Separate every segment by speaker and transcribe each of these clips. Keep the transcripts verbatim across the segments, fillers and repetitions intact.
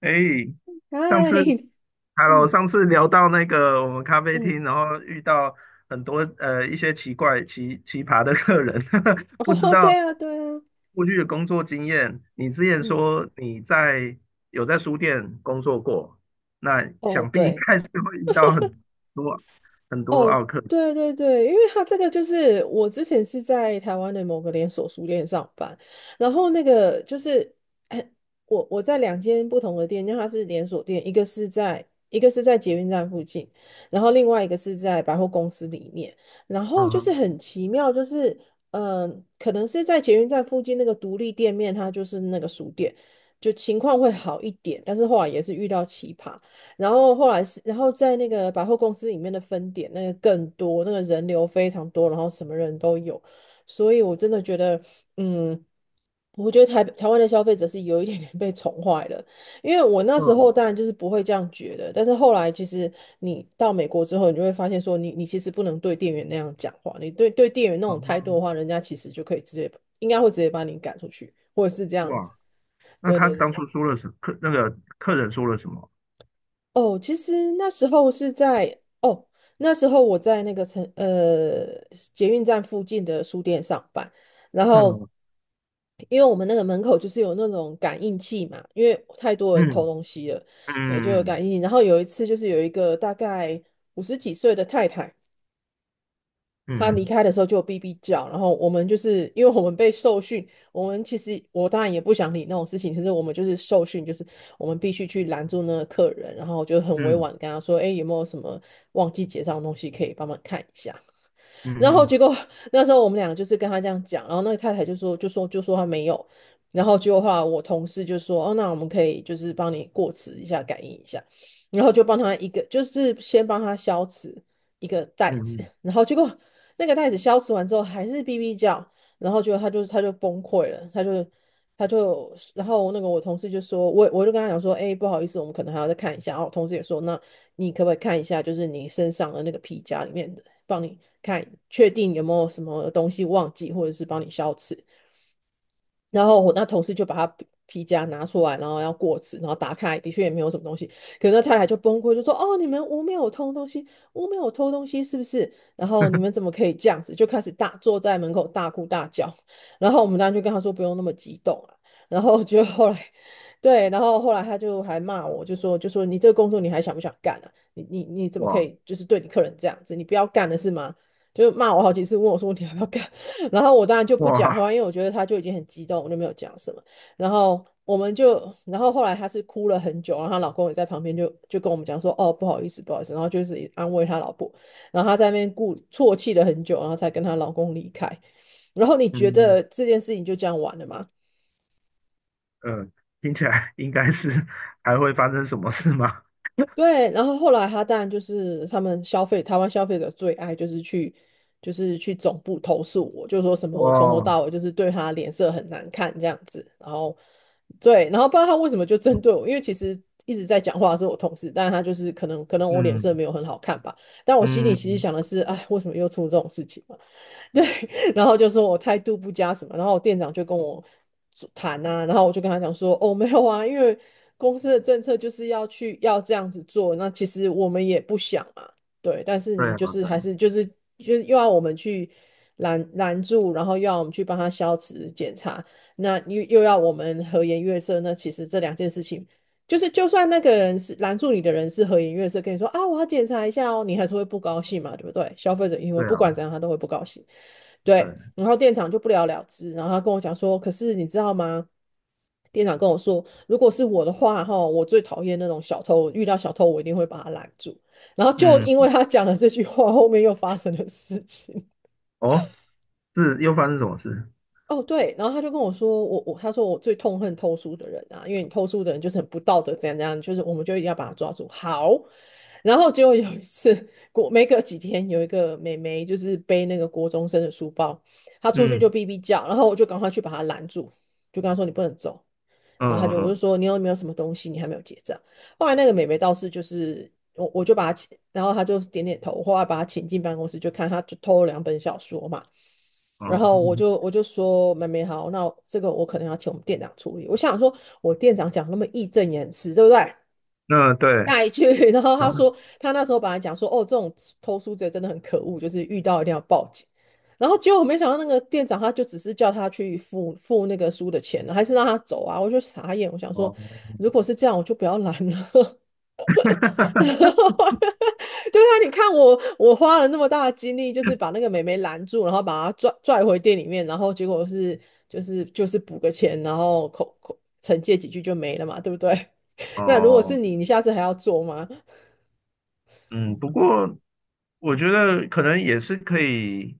Speaker 1: 哎，上次
Speaker 2: 嗨，
Speaker 1: ，Hello，
Speaker 2: 嗯
Speaker 1: 上次聊到那个我们咖啡
Speaker 2: 嗯，
Speaker 1: 厅，然后遇到很多呃一些奇怪、奇奇葩的客人，不知
Speaker 2: 哦，对
Speaker 1: 道
Speaker 2: 啊，对啊，
Speaker 1: 过去的工作经验。你之前
Speaker 2: 嗯，
Speaker 1: 说你在有在书店工作过，那
Speaker 2: 哦，
Speaker 1: 想必应
Speaker 2: 对，
Speaker 1: 该是会遇到很多很多
Speaker 2: 哦，
Speaker 1: 奥客。
Speaker 2: 对对对。因为他这个就是我之前是在台湾的某个连锁书店上班，然后那个就是，哎，我我在两间不同的店，因为它是连锁店，一个是在一个是在捷运站附近，然后另外一个是在百货公司里面，然后
Speaker 1: 嗯
Speaker 2: 就是
Speaker 1: 哼，
Speaker 2: 很奇妙，就是嗯、呃可能是在捷运站附近那个独立店面，它就是那个书店，就情况会好一点，但是后来也是遇到奇葩。然后后来是，然后在那个百货公司里面的分点，那个更多，那个人流非常多，然后什么人都有，所以我真的觉得，嗯，我觉得台台湾的消费者是有一点点被宠坏了，因为我那时候
Speaker 1: 嗯，
Speaker 2: 当然就是不会这样觉得，但是后来其实你到美国之后，你就会发现说你，你其实不能对店员那样讲话，你对对店员那种
Speaker 1: 嗯
Speaker 2: 态度的
Speaker 1: 哼，
Speaker 2: 话，人家其实就可以直接应该会直接把你赶出去，或者是这样子。
Speaker 1: 哇，那
Speaker 2: 对
Speaker 1: 他
Speaker 2: 对
Speaker 1: 当
Speaker 2: 对。
Speaker 1: 初说了什客那个客人说了什么？
Speaker 2: 哦，其实那时候是在哦，那时候我在那个城呃捷运站附近的书店上班，然后因为我们那个门口就是有那种感应器嘛，因为太多人偷
Speaker 1: 嗯
Speaker 2: 东西了，对，就有
Speaker 1: 嗯嗯
Speaker 2: 感应器，然后有一次就是有一个大概五十几岁的太太。他离
Speaker 1: 嗯
Speaker 2: 开的时候就有哔哔叫，然后我们就是因为我们被受训，我们其实我当然也不想理那种事情，可是我们就是受训，就是我们必须去拦住那个客人，然后就很委
Speaker 1: 嗯嗯
Speaker 2: 婉跟他说，哎，有没有什么忘记结账的东西可以帮忙看一下？
Speaker 1: 嗯
Speaker 2: 然
Speaker 1: 嗯
Speaker 2: 后
Speaker 1: 嗯。
Speaker 2: 结果那时候我们两个就是跟他这样讲，然后那个太太就说就说就说他没有，然后结果后来我同事就说，哦，那我们可以就是帮你过磁一下，感应一下，然后就帮他一个就是先帮他消磁一个袋
Speaker 1: 嗯
Speaker 2: 子，
Speaker 1: 嗯，
Speaker 2: 然后结果那个袋子消磁完之后还是哔哔叫，然后结果他就他就崩溃了，他就。他就，然后那个我同事就说，我我就跟他讲说，哎、欸，不好意思，我们可能还要再看一下。然后我同事也说，那你可不可以看一下，就是你身上的那个皮夹里面的帮你看，确定有没有什么东西忘记，或者是帮你消磁。然后我那同事就把他皮皮夹拿出来，然后要过纸，然后打开，的确也没有什么东西。可是那太太就崩溃，就说："哦，你们屋没有偷东西，屋没有偷东西是不是？然后你们怎么可以这样子？"就开始大坐在门口大哭大叫。然后我们当然就跟他说不用那么激动啊。然后就后来，对，然后后来他就还骂我，就说就说你这个工作你还想不想干啊？你你你怎么可
Speaker 1: 哇
Speaker 2: 以就是对你客人这样子？你不要干了是吗？就骂我好几次，问我说你还要不要干？然后我当然就不讲
Speaker 1: 哇，
Speaker 2: 话，因为我觉得他就已经很激动，我就没有讲什么。然后我们就，然后后来她是哭了很久，然后她老公也在旁边就就跟我们讲说，哦，不好意思，不好意思，然后就是安慰她老婆，然后她在那边故啜泣了很久，然后才跟她老公离开。然后你觉
Speaker 1: 嗯
Speaker 2: 得这件事情就这样完了吗？
Speaker 1: 呃，听起来应该是还会发生什么事吗？
Speaker 2: 对，然后后来他当然就是他们消费台湾消费者最爱就是去就是去总部投诉我，就说什 么我从头
Speaker 1: 哇，
Speaker 2: 到尾就是对他脸色很难看这样子，然后对，然后不知道他为什么就针对我，因为其实一直在讲话的是我同事，但是他就是可能可能我脸色没
Speaker 1: 嗯
Speaker 2: 有很好看吧，但我心里其实
Speaker 1: 嗯，
Speaker 2: 想的是，哎，为什么又出这种事情？对，然后就说我态度不佳什么，然后我店长就跟我谈啊，然后我就跟他讲说，哦，没有啊，因为公司的政策就是要去要这样子做，那其实我们也不想嘛，对，但是
Speaker 1: 对
Speaker 2: 你
Speaker 1: 啊
Speaker 2: 就是
Speaker 1: 对啊
Speaker 2: 还是就是就是又要我们去拦拦住，然后又要我们去帮他消磁检查，那又又要我们和颜悦色，那其实这两件事情。就是就算那个人是拦住你的人是和颜悦色跟你说啊，我要检查一下哦，你还是会不高兴嘛，对不对？消费者因为
Speaker 1: 对
Speaker 2: 不
Speaker 1: 啊
Speaker 2: 管怎样他都会不高兴。
Speaker 1: 对，
Speaker 2: 对，然后店长就不了了之，然后他跟我讲说，可是你知道吗？店长跟我说，如果是我的话，哈，我最讨厌那种小偷，遇到小偷我一定会把他拦住。然后就
Speaker 1: 嗯
Speaker 2: 因为他讲了这句话，后面又发生了事情。
Speaker 1: 哦，是又发生什么事？
Speaker 2: 哦，对，然后他就跟我说，我我他说我最痛恨偷书的人啊，因为你偷书的人就是很不道德，怎样怎样，就是我们就一定要把他抓住。好，然后结果有一次，过没隔几天，有一个妹妹就是背那个国中生的书包，她出去
Speaker 1: 嗯
Speaker 2: 就哔哔叫，然后我就赶快去把她拦住，就跟她说你不能走。然后她
Speaker 1: 嗯
Speaker 2: 就我就
Speaker 1: 嗯
Speaker 2: 说你有没有什么东西你还没有结账？后来那个妹妹倒是就是我我就把她请，然后她就点点头，后来把她请进办公室，就看她就偷了两本小说嘛。
Speaker 1: 嗯，
Speaker 2: 然
Speaker 1: 哦，
Speaker 2: 后我就我就说妹妹好，那这个我可能要请我们店长处理。我想说，我店长讲那么义正言辞，对不对？
Speaker 1: 那 对，
Speaker 2: 带去，然后
Speaker 1: 这
Speaker 2: 他
Speaker 1: 样
Speaker 2: 说他那时候本来讲说，哦，这种偷书贼真的很可恶，就是遇到一定要报警。然后结果我没想到那个店长他就只是叫他去付付那个书的钱，还是让他走啊！我就傻眼，我想说，
Speaker 1: 哦
Speaker 2: 如果是这样，我就不要拦了。对啊，你看我，我花了那么大的精力，就是把那个妹妹拦住，然后把她拽拽回店里面，然后结果是就是就是补个钱，然后口口惩戒几句就没了嘛，对不对？那如果是
Speaker 1: 哦。
Speaker 2: 你，你下次还要做吗？
Speaker 1: 嗯，不过我觉得可能也是可以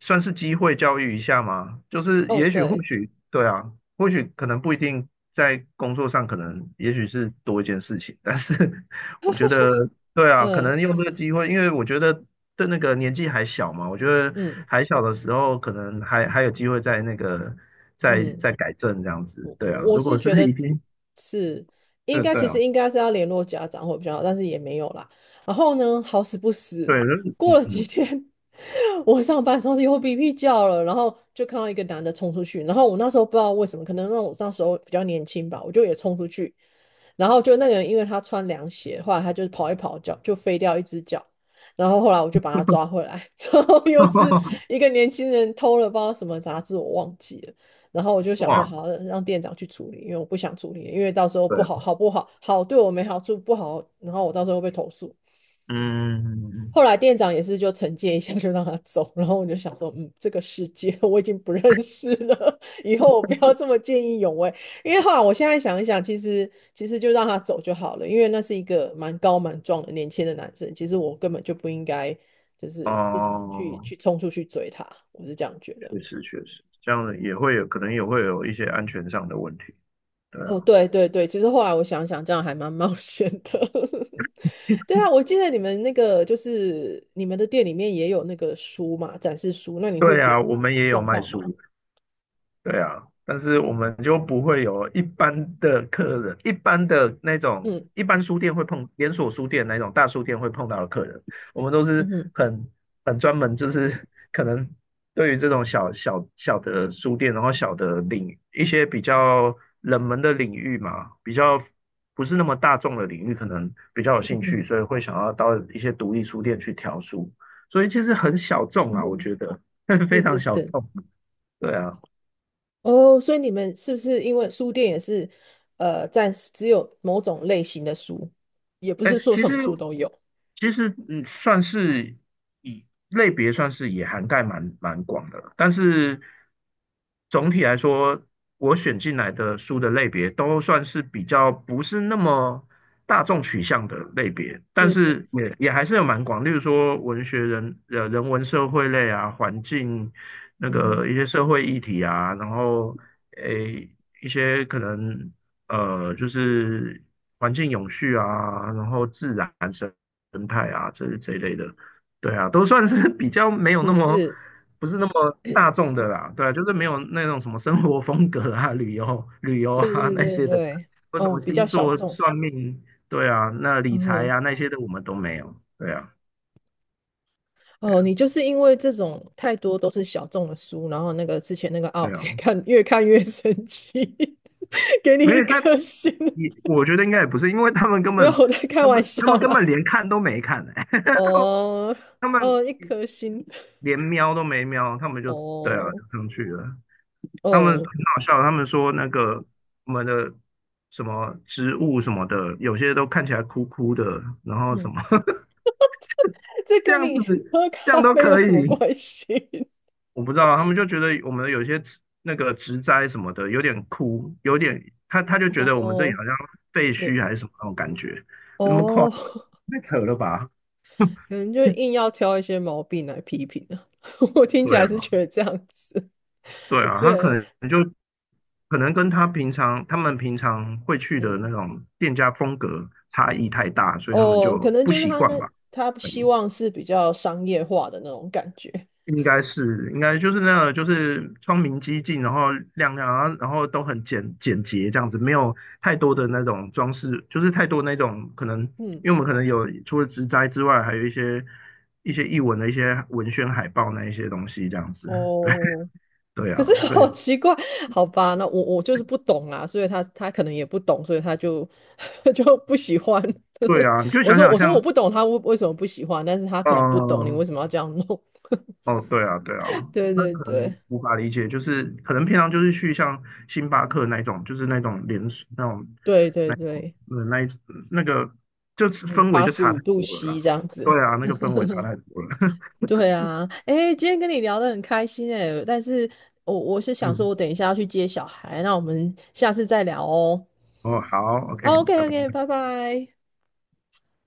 Speaker 1: 算是机会教育一下嘛，就是
Speaker 2: 哦，
Speaker 1: 也许或
Speaker 2: 对，
Speaker 1: 许对啊，或许可能不一定在工作上，可能也许是多一件事情，但是 我觉得对啊，可
Speaker 2: 嗯
Speaker 1: 能用这个机会，因为我觉得对那个年纪还小嘛，我觉得
Speaker 2: 嗯
Speaker 1: 还小的时候可能还还有机会在那个再
Speaker 2: 嗯。
Speaker 1: 再改正这样子，
Speaker 2: 我
Speaker 1: 对啊，
Speaker 2: 我
Speaker 1: 如果
Speaker 2: 是
Speaker 1: 是
Speaker 2: 觉得
Speaker 1: 已经
Speaker 2: 是应
Speaker 1: 对
Speaker 2: 该，
Speaker 1: 对
Speaker 2: 其实
Speaker 1: 啊，
Speaker 2: 应该是要联络家长会比较好，但是也没有啦。然后呢，好死不
Speaker 1: 对，
Speaker 2: 死，过了几
Speaker 1: 嗯，
Speaker 2: 天，我上班的时候又哔哔叫了，然后就看到一个男的冲出去，然后我那时候不知道为什么，可能让我那时候比较年轻吧，我就也冲出去，然后就那个人，因为他穿凉鞋，后来他就跑一跑脚就飞掉一只脚，然后后来我就把他抓回来，然后又是 一个年轻人偷了包什么杂志，我忘记了。然后我就想说，
Speaker 1: 哇，
Speaker 2: 好，让店长去处理，因为我不想处理，因为到时候
Speaker 1: 对
Speaker 2: 不
Speaker 1: 啊
Speaker 2: 好，好不好，好对我没好处，不好，然后我到时候会被投诉。
Speaker 1: 嗯，
Speaker 2: 后来店长也是就惩戒一下，就让他走。然后我就想说，嗯，这个世界 我已经不认识了，以后我不要这么见义勇为。因为后来我现在想一想，其实其实就让他走就好了，因为那是一个蛮高蛮壮的年轻的男生，其实我根本就不应该就是自己去
Speaker 1: 哦，
Speaker 2: 去冲出去追他，我是这样觉得。
Speaker 1: 确实确实，这样也会有，可能也会有一些安全上的问题。对
Speaker 2: 哦，
Speaker 1: 啊，
Speaker 2: 对对对，其实后来我想想，这样还蛮冒险的。对啊，我记得你们那个就是你们的店里面也有那个书嘛，展示书，那你会
Speaker 1: 对
Speaker 2: 有
Speaker 1: 啊，我
Speaker 2: 有
Speaker 1: 们也有
Speaker 2: 状
Speaker 1: 卖
Speaker 2: 况
Speaker 1: 书。
Speaker 2: 吗？
Speaker 1: 对啊，但是我们就不会有一般的客人，一般的那种
Speaker 2: 嗯，
Speaker 1: 一般书店会碰连锁书店那种大书店会碰到的客人，我们都
Speaker 2: 嗯
Speaker 1: 是
Speaker 2: 哼，
Speaker 1: 很很专门，就是可能对于这种小小小的书店，然后小的领一些比较冷门的领域嘛，比较不是那么大众的领域，可能比较有
Speaker 2: 嗯
Speaker 1: 兴
Speaker 2: 哼，
Speaker 1: 趣，所以会想要到一些独立书店去挑书，所以其实很小众
Speaker 2: 嗯
Speaker 1: 啊，我
Speaker 2: 哼，
Speaker 1: 觉得 非
Speaker 2: 是
Speaker 1: 常
Speaker 2: 是
Speaker 1: 小
Speaker 2: 是，
Speaker 1: 众，对啊。
Speaker 2: 哦，所以你们是不是因为书店也是呃暂时只有某种类型的书，也不
Speaker 1: 哎，
Speaker 2: 是说
Speaker 1: 其
Speaker 2: 什
Speaker 1: 实
Speaker 2: 么书都有，
Speaker 1: 其实嗯，算是以类别算是也涵盖蛮蛮广的了但是总体来说，我选进来的书的类别都算是比较不是那么大众取向的类别，但
Speaker 2: 是是，
Speaker 1: 是也也还是有蛮广，例如说文学人呃人文社会类啊，环境那
Speaker 2: 嗯哼，
Speaker 1: 个一些社会议题啊，然后诶一些可能。呃，就是环境永续啊，然后自然生态啊，这这一类的，对啊，都算是 比较没有那
Speaker 2: 嗯
Speaker 1: 么
Speaker 2: 是，
Speaker 1: 不是那么大众的啦，对啊，就是没有那种什么生活风格啊、旅游旅游
Speaker 2: 对
Speaker 1: 啊
Speaker 2: 对
Speaker 1: 那
Speaker 2: 对
Speaker 1: 些的，
Speaker 2: 对，
Speaker 1: 或什
Speaker 2: 哦，
Speaker 1: 么
Speaker 2: 比较
Speaker 1: 星
Speaker 2: 小
Speaker 1: 座
Speaker 2: 众，
Speaker 1: 算命，对啊，那理
Speaker 2: 嗯
Speaker 1: 财
Speaker 2: 哼。
Speaker 1: 啊那些的我们都没有，对啊，对
Speaker 2: 哦，
Speaker 1: 啊，
Speaker 2: 你就是因为这种太多都是小众的书，然后那个之前那个奥
Speaker 1: 对啊，
Speaker 2: 可以看越看越生气，给你
Speaker 1: 没
Speaker 2: 一
Speaker 1: 有他
Speaker 2: 颗星，
Speaker 1: 也我觉得应该也不是，因为他们根
Speaker 2: 没有
Speaker 1: 本
Speaker 2: 我在开
Speaker 1: 他
Speaker 2: 玩
Speaker 1: 们
Speaker 2: 笑
Speaker 1: 他们根
Speaker 2: 啦。
Speaker 1: 本连看都没看、欸，
Speaker 2: 哦
Speaker 1: 他们
Speaker 2: 哦，一颗星，
Speaker 1: 连瞄都没瞄，他们就对啊，
Speaker 2: 哦
Speaker 1: 就上去了。他们很
Speaker 2: 哦，
Speaker 1: 好笑，他们说那个我们的什么植物什么的，有些都看起来枯枯的，然后什
Speaker 2: 嗯，
Speaker 1: 么
Speaker 2: 这
Speaker 1: 这
Speaker 2: 跟
Speaker 1: 样
Speaker 2: 你
Speaker 1: 子，
Speaker 2: 喝
Speaker 1: 这
Speaker 2: 咖
Speaker 1: 样都
Speaker 2: 啡有
Speaker 1: 可
Speaker 2: 什么
Speaker 1: 以。
Speaker 2: 关系？
Speaker 1: 我不知道，他们就觉得我们有些植那个植栽什么的有点枯，有点他他就 觉得我们这里
Speaker 2: 哦，
Speaker 1: 好像废
Speaker 2: 没
Speaker 1: 墟还是什么那种感觉，那么快
Speaker 2: 哦，可
Speaker 1: 太扯了吧？
Speaker 2: 能就硬要挑一些毛病来批评啊。我听起
Speaker 1: 对
Speaker 2: 来是
Speaker 1: 啊，
Speaker 2: 觉得这样子，
Speaker 1: 对啊，他可
Speaker 2: 对，
Speaker 1: 能就可能跟他平常他们平常会去的那
Speaker 2: 嗯。
Speaker 1: 种店家风格差异太大，所以他们
Speaker 2: 哦，可
Speaker 1: 就
Speaker 2: 能
Speaker 1: 不
Speaker 2: 就是
Speaker 1: 习
Speaker 2: 他
Speaker 1: 惯
Speaker 2: 那
Speaker 1: 吧。
Speaker 2: 他希望是比较商业化的那种感觉，
Speaker 1: 应该是，应该就是那个，就是窗明几净，然后亮亮，然后然后都很简简洁这样子，没有太多的那种装饰，就是太多那种可能，
Speaker 2: 嗯，
Speaker 1: 因为我们可能有除了植栽之外，还有一些一些译文的一些文宣海报那一些东西这样子，对
Speaker 2: 哦，
Speaker 1: 对
Speaker 2: 可是
Speaker 1: 啊，所以
Speaker 2: 好奇怪，好吧，那我我就是不懂啊，所以他他可能也不懂，所以他就 就不喜欢。
Speaker 1: 对啊，你 就
Speaker 2: 我
Speaker 1: 想
Speaker 2: 说
Speaker 1: 想
Speaker 2: 我说我
Speaker 1: 像，
Speaker 2: 不懂他为为什么不喜欢，但是他可能不懂你
Speaker 1: 呃，
Speaker 2: 为什么要这样弄。
Speaker 1: 哦，对啊，对 啊，
Speaker 2: 对
Speaker 1: 那
Speaker 2: 对
Speaker 1: 可能
Speaker 2: 对
Speaker 1: 无法理解，就是可能平常就是去像星巴克那一种，就是那种连锁那种
Speaker 2: 对对
Speaker 1: 那
Speaker 2: 对，
Speaker 1: 呃那一那个就是
Speaker 2: 嗯，
Speaker 1: 氛围
Speaker 2: 八
Speaker 1: 就
Speaker 2: 十
Speaker 1: 差
Speaker 2: 五
Speaker 1: 太
Speaker 2: 度
Speaker 1: 多了
Speaker 2: C
Speaker 1: 啦。
Speaker 2: 这样子。
Speaker 1: 对啊，那个氛围差太多了。
Speaker 2: 对啊，哎，今天跟你聊得很开心哎，但是我我是想说，
Speaker 1: 嗯，
Speaker 2: 我等一下要去接小孩，那我们下次再聊哦。
Speaker 1: 哦，好，OK，
Speaker 2: OK
Speaker 1: 拜拜。
Speaker 2: OK,拜拜。